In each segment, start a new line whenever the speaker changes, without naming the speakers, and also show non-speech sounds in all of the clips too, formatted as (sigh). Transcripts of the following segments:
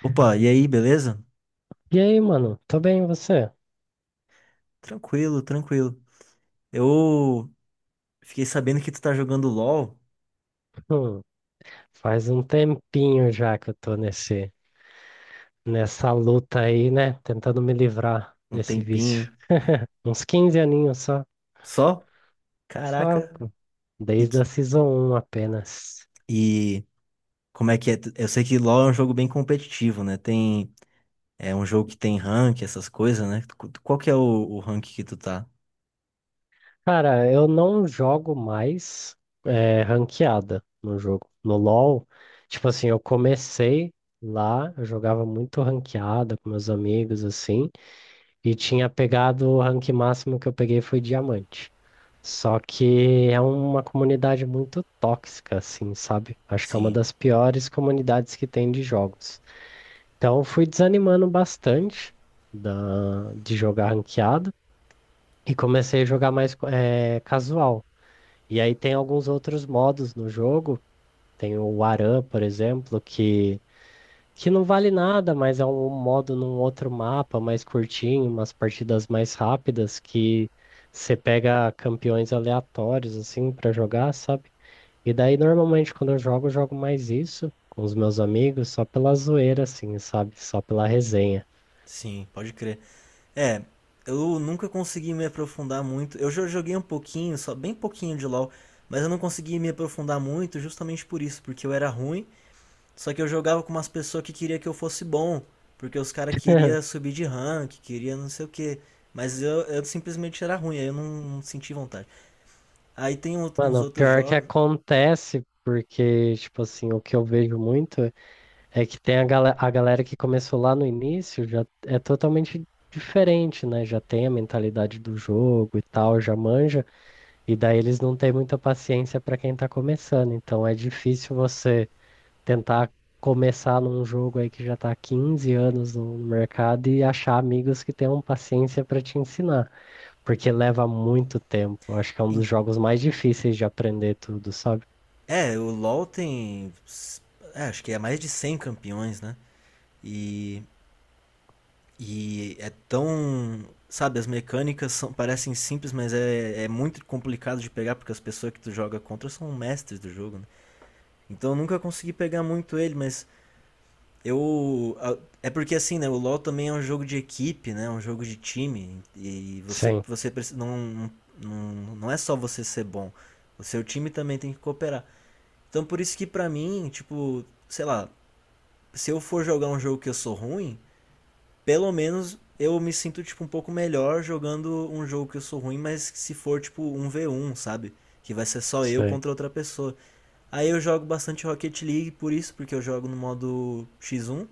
Opa, e aí, beleza?
E aí, mano? Tô bem, e você?
Tranquilo, tranquilo. Eu fiquei sabendo que tu tá jogando LoL
Hum, faz um tempinho já que eu tô nessa luta aí, né? Tentando me livrar
um
desse
tempinho
vício. Uns 15 aninhos só.
só?
Só,
Caraca.
pô.
E,
Desde a
que-
Season um apenas.
e como é que é? Eu sei que LoL é um jogo bem competitivo, né? É um jogo que tem rank, essas coisas, né? Qual que é o rank que tu tá?
Cara, eu não jogo mais ranqueada no jogo. No LoL, tipo assim, eu comecei lá, eu jogava muito ranqueada com meus amigos, assim. E tinha pegado o rank máximo que eu peguei foi diamante. Só que é uma comunidade muito tóxica, assim, sabe? Acho que é uma
Sim,
das piores comunidades que tem de jogos. Então eu fui desanimando bastante de jogar ranqueado e comecei a jogar mais casual. E aí tem alguns outros modos no jogo. Tem o Aran, por exemplo, que não vale nada, mas é um modo num outro mapa mais curtinho, umas partidas mais rápidas que você pega campeões aleatórios assim pra jogar, sabe? E daí normalmente quando eu jogo mais isso com os meus amigos, só pela zoeira assim, sabe? Só pela resenha.
sim, pode crer. É, eu nunca consegui me aprofundar muito. Eu já joguei um pouquinho, só bem pouquinho de LoL, mas eu não consegui me aprofundar muito justamente por isso, porque eu era ruim. Só que eu jogava com umas pessoas que queria que eu fosse bom, porque os caras queriam
(laughs)
subir de rank, queria não sei o que. Mas eu simplesmente era ruim, aí eu não senti vontade. Aí tem uns
Mano, o
outros
pior que
jogos.
acontece, porque tipo assim, o que eu vejo muito é que tem a galera que começou lá no início, já é totalmente diferente, né? Já tem a mentalidade do jogo e tal, já manja, e daí eles não têm muita paciência para quem tá começando. Então é difícil você tentar começar num jogo aí que já tá há 15 anos no mercado e achar amigos que tenham paciência para te ensinar, porque leva muito tempo. Eu acho que é um dos jogos mais difíceis de aprender tudo, sabe?
É, o LoL tem. Acho que é mais de 100 campeões, né? E, e é tão. Sabe, as mecânicas parecem simples, mas é muito complicado de pegar, porque as pessoas que tu joga contra são mestres do jogo, né? Então eu nunca consegui pegar muito ele, mas eu. É porque assim, né? O LoL também é um jogo de equipe, né? É um jogo de time. E
Sim,
não, não é só você ser bom. O seu time também tem que cooperar. Então por isso que pra mim, tipo, sei lá, se eu for jogar um jogo que eu sou ruim, pelo menos eu me sinto, tipo, um pouco melhor jogando um jogo que eu sou ruim, mas se for, tipo, um v um sabe? Que vai ser só eu
sei.
contra outra pessoa. Aí eu jogo bastante Rocket League por isso, porque eu jogo no modo X1.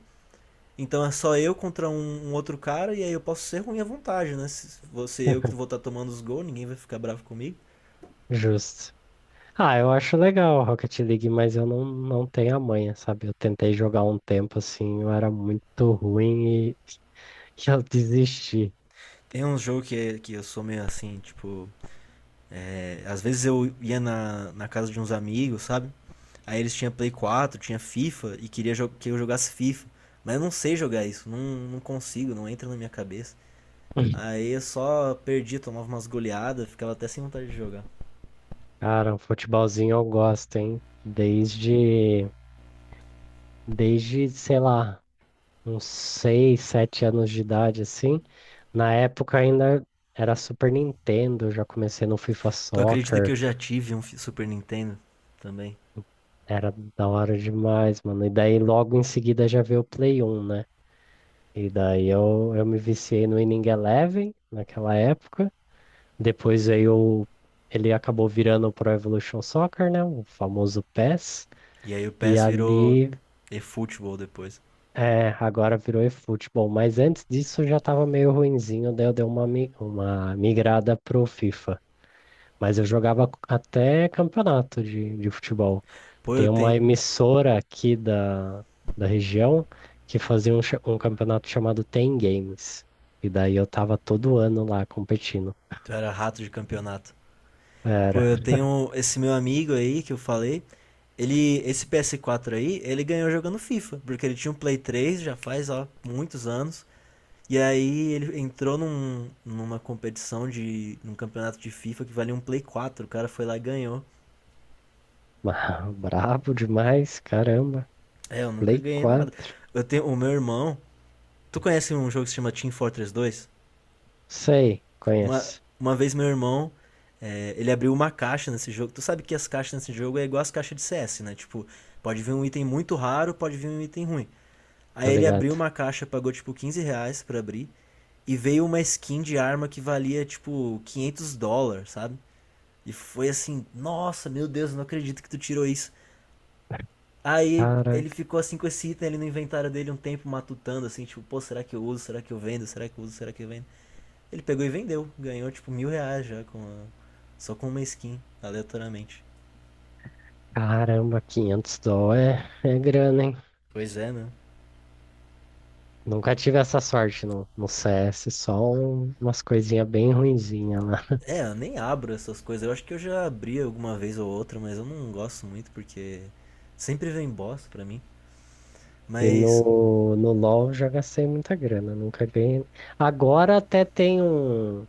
Então é só eu contra um outro cara e aí eu posso ser ruim à vontade, né? Se você eu que vou estar tomando os gols, ninguém vai ficar bravo comigo.
Justo. Ah, eu acho legal a Rocket League, mas eu não, não tenho a manha, sabe? Eu tentei jogar um tempo assim, eu era muito ruim e (laughs) eu desisti.
É um jogo que, que eu sou meio assim, tipo. Às vezes eu ia na casa de uns amigos, sabe? Aí eles tinham Play 4, tinha FIFA e queria que eu jogasse FIFA. Mas eu não sei jogar isso, não consigo, não entra na minha cabeça. Aí eu só perdi tomava umas goleadas, ficava até sem vontade de jogar.
Cara, um futebolzinho eu gosto, hein? Desde, sei lá, uns 6, 7 anos de idade, assim. Na época ainda era Super Nintendo, eu já comecei no FIFA
Tu acredita que
Soccer,
eu já tive um Super Nintendo também?
era da hora demais, mano. E daí logo em seguida já veio o Play 1, né? E daí eu me viciei no Winning Eleven naquela época. Depois aí o- ele acabou virando o Pro Evolution Soccer, né? O famoso PES.
E aí o
E
PES virou
ali
eFootball depois.
é, agora virou eFootball. Mas antes disso eu já tava meio ruinzinho, daí eu dei uma migrada pro FIFA. Mas eu jogava até campeonato de futebol.
Pô,
Tem
eu
uma
tenho.
emissora aqui da região que fazia um campeonato chamado Ten Games. E daí eu tava todo ano lá competindo.
Tu era rato de campeonato. Pô,
Era
eu
(laughs)
tenho esse meu amigo aí que eu falei. Esse ps 4 aí, ele ganhou jogando FIFA, porque ele tinha um Play 3 já faz ó, muitos anos. E aí ele entrou numa competição de. Num campeonato de FIFA que valia um Play 4. O cara foi lá e ganhou.
brabo demais, caramba.
É, eu nunca
Play
ganhei nada.
4.
Eu tenho o meu irmão. Tu conhece um jogo que se chama Team Fortress 2?
Sei,
Uma,
conheço.
uma vez meu irmão, ele abriu uma caixa nesse jogo. Tu sabe que as caixas nesse jogo é igual as caixas de CS, né? Tipo, pode vir um item muito raro, pode vir um item ruim. Aí
Tô
ele
ligado.
abriu uma caixa, pagou tipo R$ 15 pra abrir. E veio uma skin de arma que valia tipo US$ 500, sabe? E foi assim, nossa, meu Deus, não acredito que tu tirou isso. Aí
Cara,
ele ficou assim com esse item ali no inventário dele um tempo matutando, assim, tipo, pô, será que eu uso? Será que eu vendo? Será que eu uso? Será que eu vendo? Ele pegou e vendeu. Ganhou, tipo, R$ 1.000 já com só com uma skin, aleatoriamente.
caramba, 500 dó é, é grana, hein?
Pois é, né?
Nunca tive essa sorte no CS, só umas coisinhas bem ruinzinhas lá.
É, eu nem abro essas coisas. Eu acho que eu já abri alguma vez ou outra, mas eu não gosto muito porque sempre vem bosta pra mim.
E
Mas,
no LoL já gastei muita grana, nunca ganhei. Agora até tem um.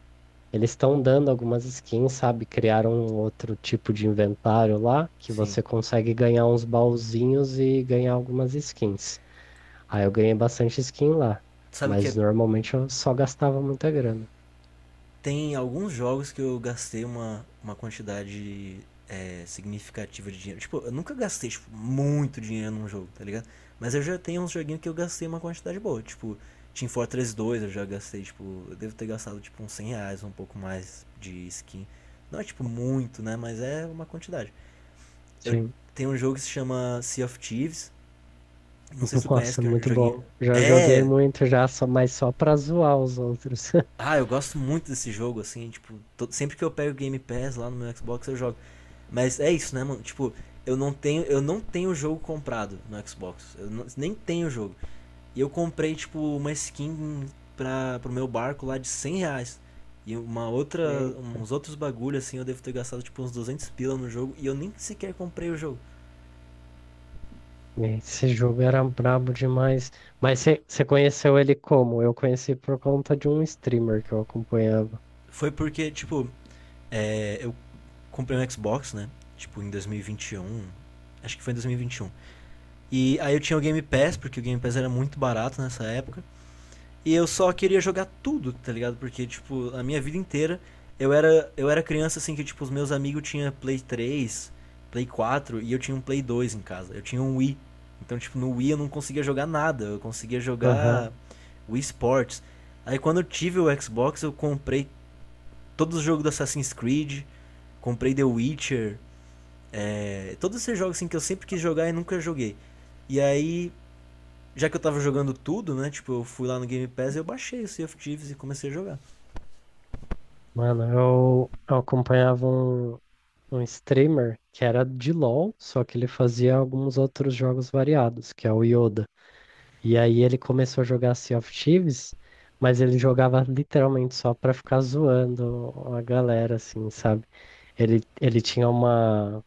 Eles estão dando algumas skins, sabe? Criaram um outro tipo de inventário lá que
sim.
você consegue ganhar uns baúzinhos e ganhar algumas skins. Aí eu ganhei bastante skin lá,
Sabe o que
mas
é?
normalmente eu só gastava muita grana.
Tem alguns jogos que eu gastei uma quantidade significativa de dinheiro. Tipo, eu nunca gastei tipo, muito dinheiro num jogo, tá ligado? Mas eu já tenho uns joguinhos que eu gastei uma quantidade boa. Tipo, Team Fortress 2 eu já gastei, tipo, eu devo ter gastado tipo uns R$ 100, um pouco mais de skin. Não é tipo muito, né? Mas é uma quantidade. Eu
Sim.
tenho um jogo que se chama Sea of Thieves. Não
(laughs)
sei se tu conhece
Nossa,
que é um
muito
joguinho.
bom. Já joguei
É!
muito já, só, mas só pra zoar os outros. (laughs)
Ah, eu gosto muito desse jogo, assim, tipo, sempre que eu pego o Game Pass lá no meu Xbox eu jogo. Mas é isso, né, mano? Tipo, eu não tenho o jogo comprado no Xbox. Eu não- Nem tenho o jogo. E eu comprei, tipo, uma skin pra, pro meu barco lá de R$ 100. E uma outra,
É,
uns outros bagulho, assim, eu devo ter gastado, tipo, uns 200 pila no jogo. E eu nem sequer comprei o jogo.
é, esse jogo era brabo demais. Mas você conheceu ele como? Eu conheci por conta de um streamer que eu acompanhava.
Foi porque, tipo, eu comprei um Xbox, né? Tipo, em 2021. Acho que foi em 2021. E aí eu tinha o Game Pass, porque o Game Pass era muito barato nessa época. E eu só queria jogar tudo, tá ligado? Porque, tipo, a minha vida inteira eu era criança assim que, tipo, os meus amigos tinham Play 3, Play 4 e eu tinha um Play 2 em casa. Eu tinha um Wii. Então, tipo, no Wii eu não conseguia jogar nada. Eu conseguia jogar
Aham.
Wii Sports. Aí quando eu tive o Xbox, eu comprei todos os jogos do Assassin's Creed, comprei The Witcher, todos esses jogos assim que eu sempre quis jogar e nunca joguei. E aí já que eu tava jogando tudo, né? Tipo, eu fui lá no Game Pass e eu baixei o Sea of Thieves e comecei a jogar.
Mano, eu acompanhava um streamer que era de LoL, só que ele fazia alguns outros jogos variados, que é o Yoda. E aí ele começou a jogar Sea of Thieves, mas ele jogava literalmente só pra ficar zoando a galera, assim, sabe? Ele tinha uma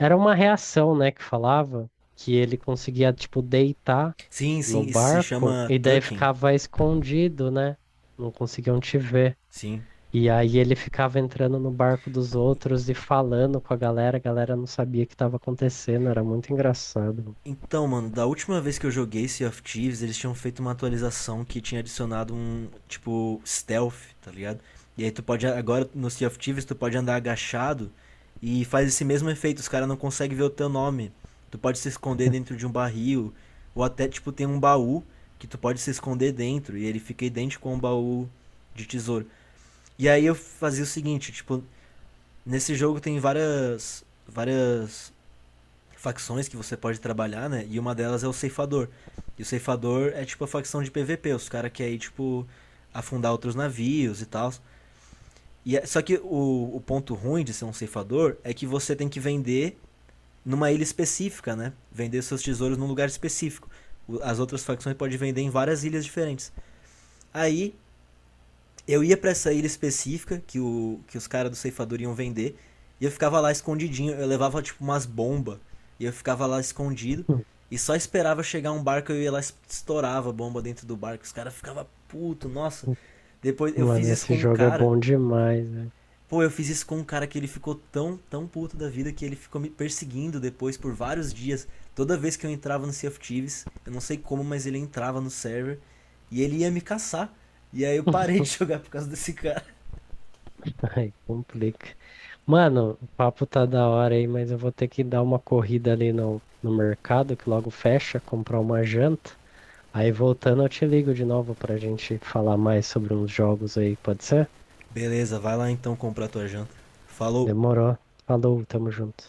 era uma reação, né, que falava que ele conseguia, tipo, deitar
Sim,
no
sim, isso se
barco
chama
e daí
Tucking.
ficava escondido, né? Não conseguiam te ver.
Sim.
E aí ele ficava entrando no barco dos outros e falando com a galera não sabia o que estava acontecendo, era muito engraçado.
Então, mano, da última vez que eu joguei Sea of Thieves, eles tinham feito uma atualização que tinha adicionado um, tipo, stealth, tá ligado? E aí tu pode, agora no Sea of Thieves, tu pode andar agachado e faz esse mesmo efeito, os caras não conseguem ver o teu nome. Tu pode se esconder dentro de um barril, ou até, tipo, tem um baú que tu pode se esconder dentro e ele fica idêntico a um baú de tesouro. E aí eu fazia o seguinte, tipo, nesse jogo tem várias várias facções que você pode trabalhar, né? E uma delas é o ceifador. E o ceifador é tipo a facção de PVP, os caras que aí tipo afundar outros navios e tal. Só que o ponto ruim de ser um ceifador é que você tem que vender numa ilha específica, né? Vender seus tesouros num lugar específico. As outras facções podem vender em várias ilhas diferentes. Aí eu ia para essa ilha específica que os caras do ceifador iam vender. E eu ficava lá escondidinho. Eu levava tipo umas bombas. E eu ficava lá escondido.
(laughs)
E só esperava chegar um barco, eu ia lá estourava a bomba dentro do barco. Os caras ficavam puto, nossa. Depois eu fiz
Mano,
isso
esse
com um
jogo é
cara.
bom demais, né?
Pô, eu fiz isso com um cara que ele ficou tão, tão puto da vida que ele ficou me perseguindo depois por vários dias. Toda vez que eu entrava no Sea of Thieves, eu não sei como, mas ele entrava no server e ele ia me caçar. E aí eu parei de (laughs)
(laughs)
jogar por causa desse cara.
Ai, complica. Mano, o papo tá da hora aí, mas eu vou ter que dar uma corrida ali no mercado, que logo fecha, comprar uma janta. Aí voltando, eu te ligo de novo pra gente falar mais sobre uns jogos aí, pode ser?
Beleza, vai lá então comprar tua janta. Falou.
Demorou. Falou, tamo junto.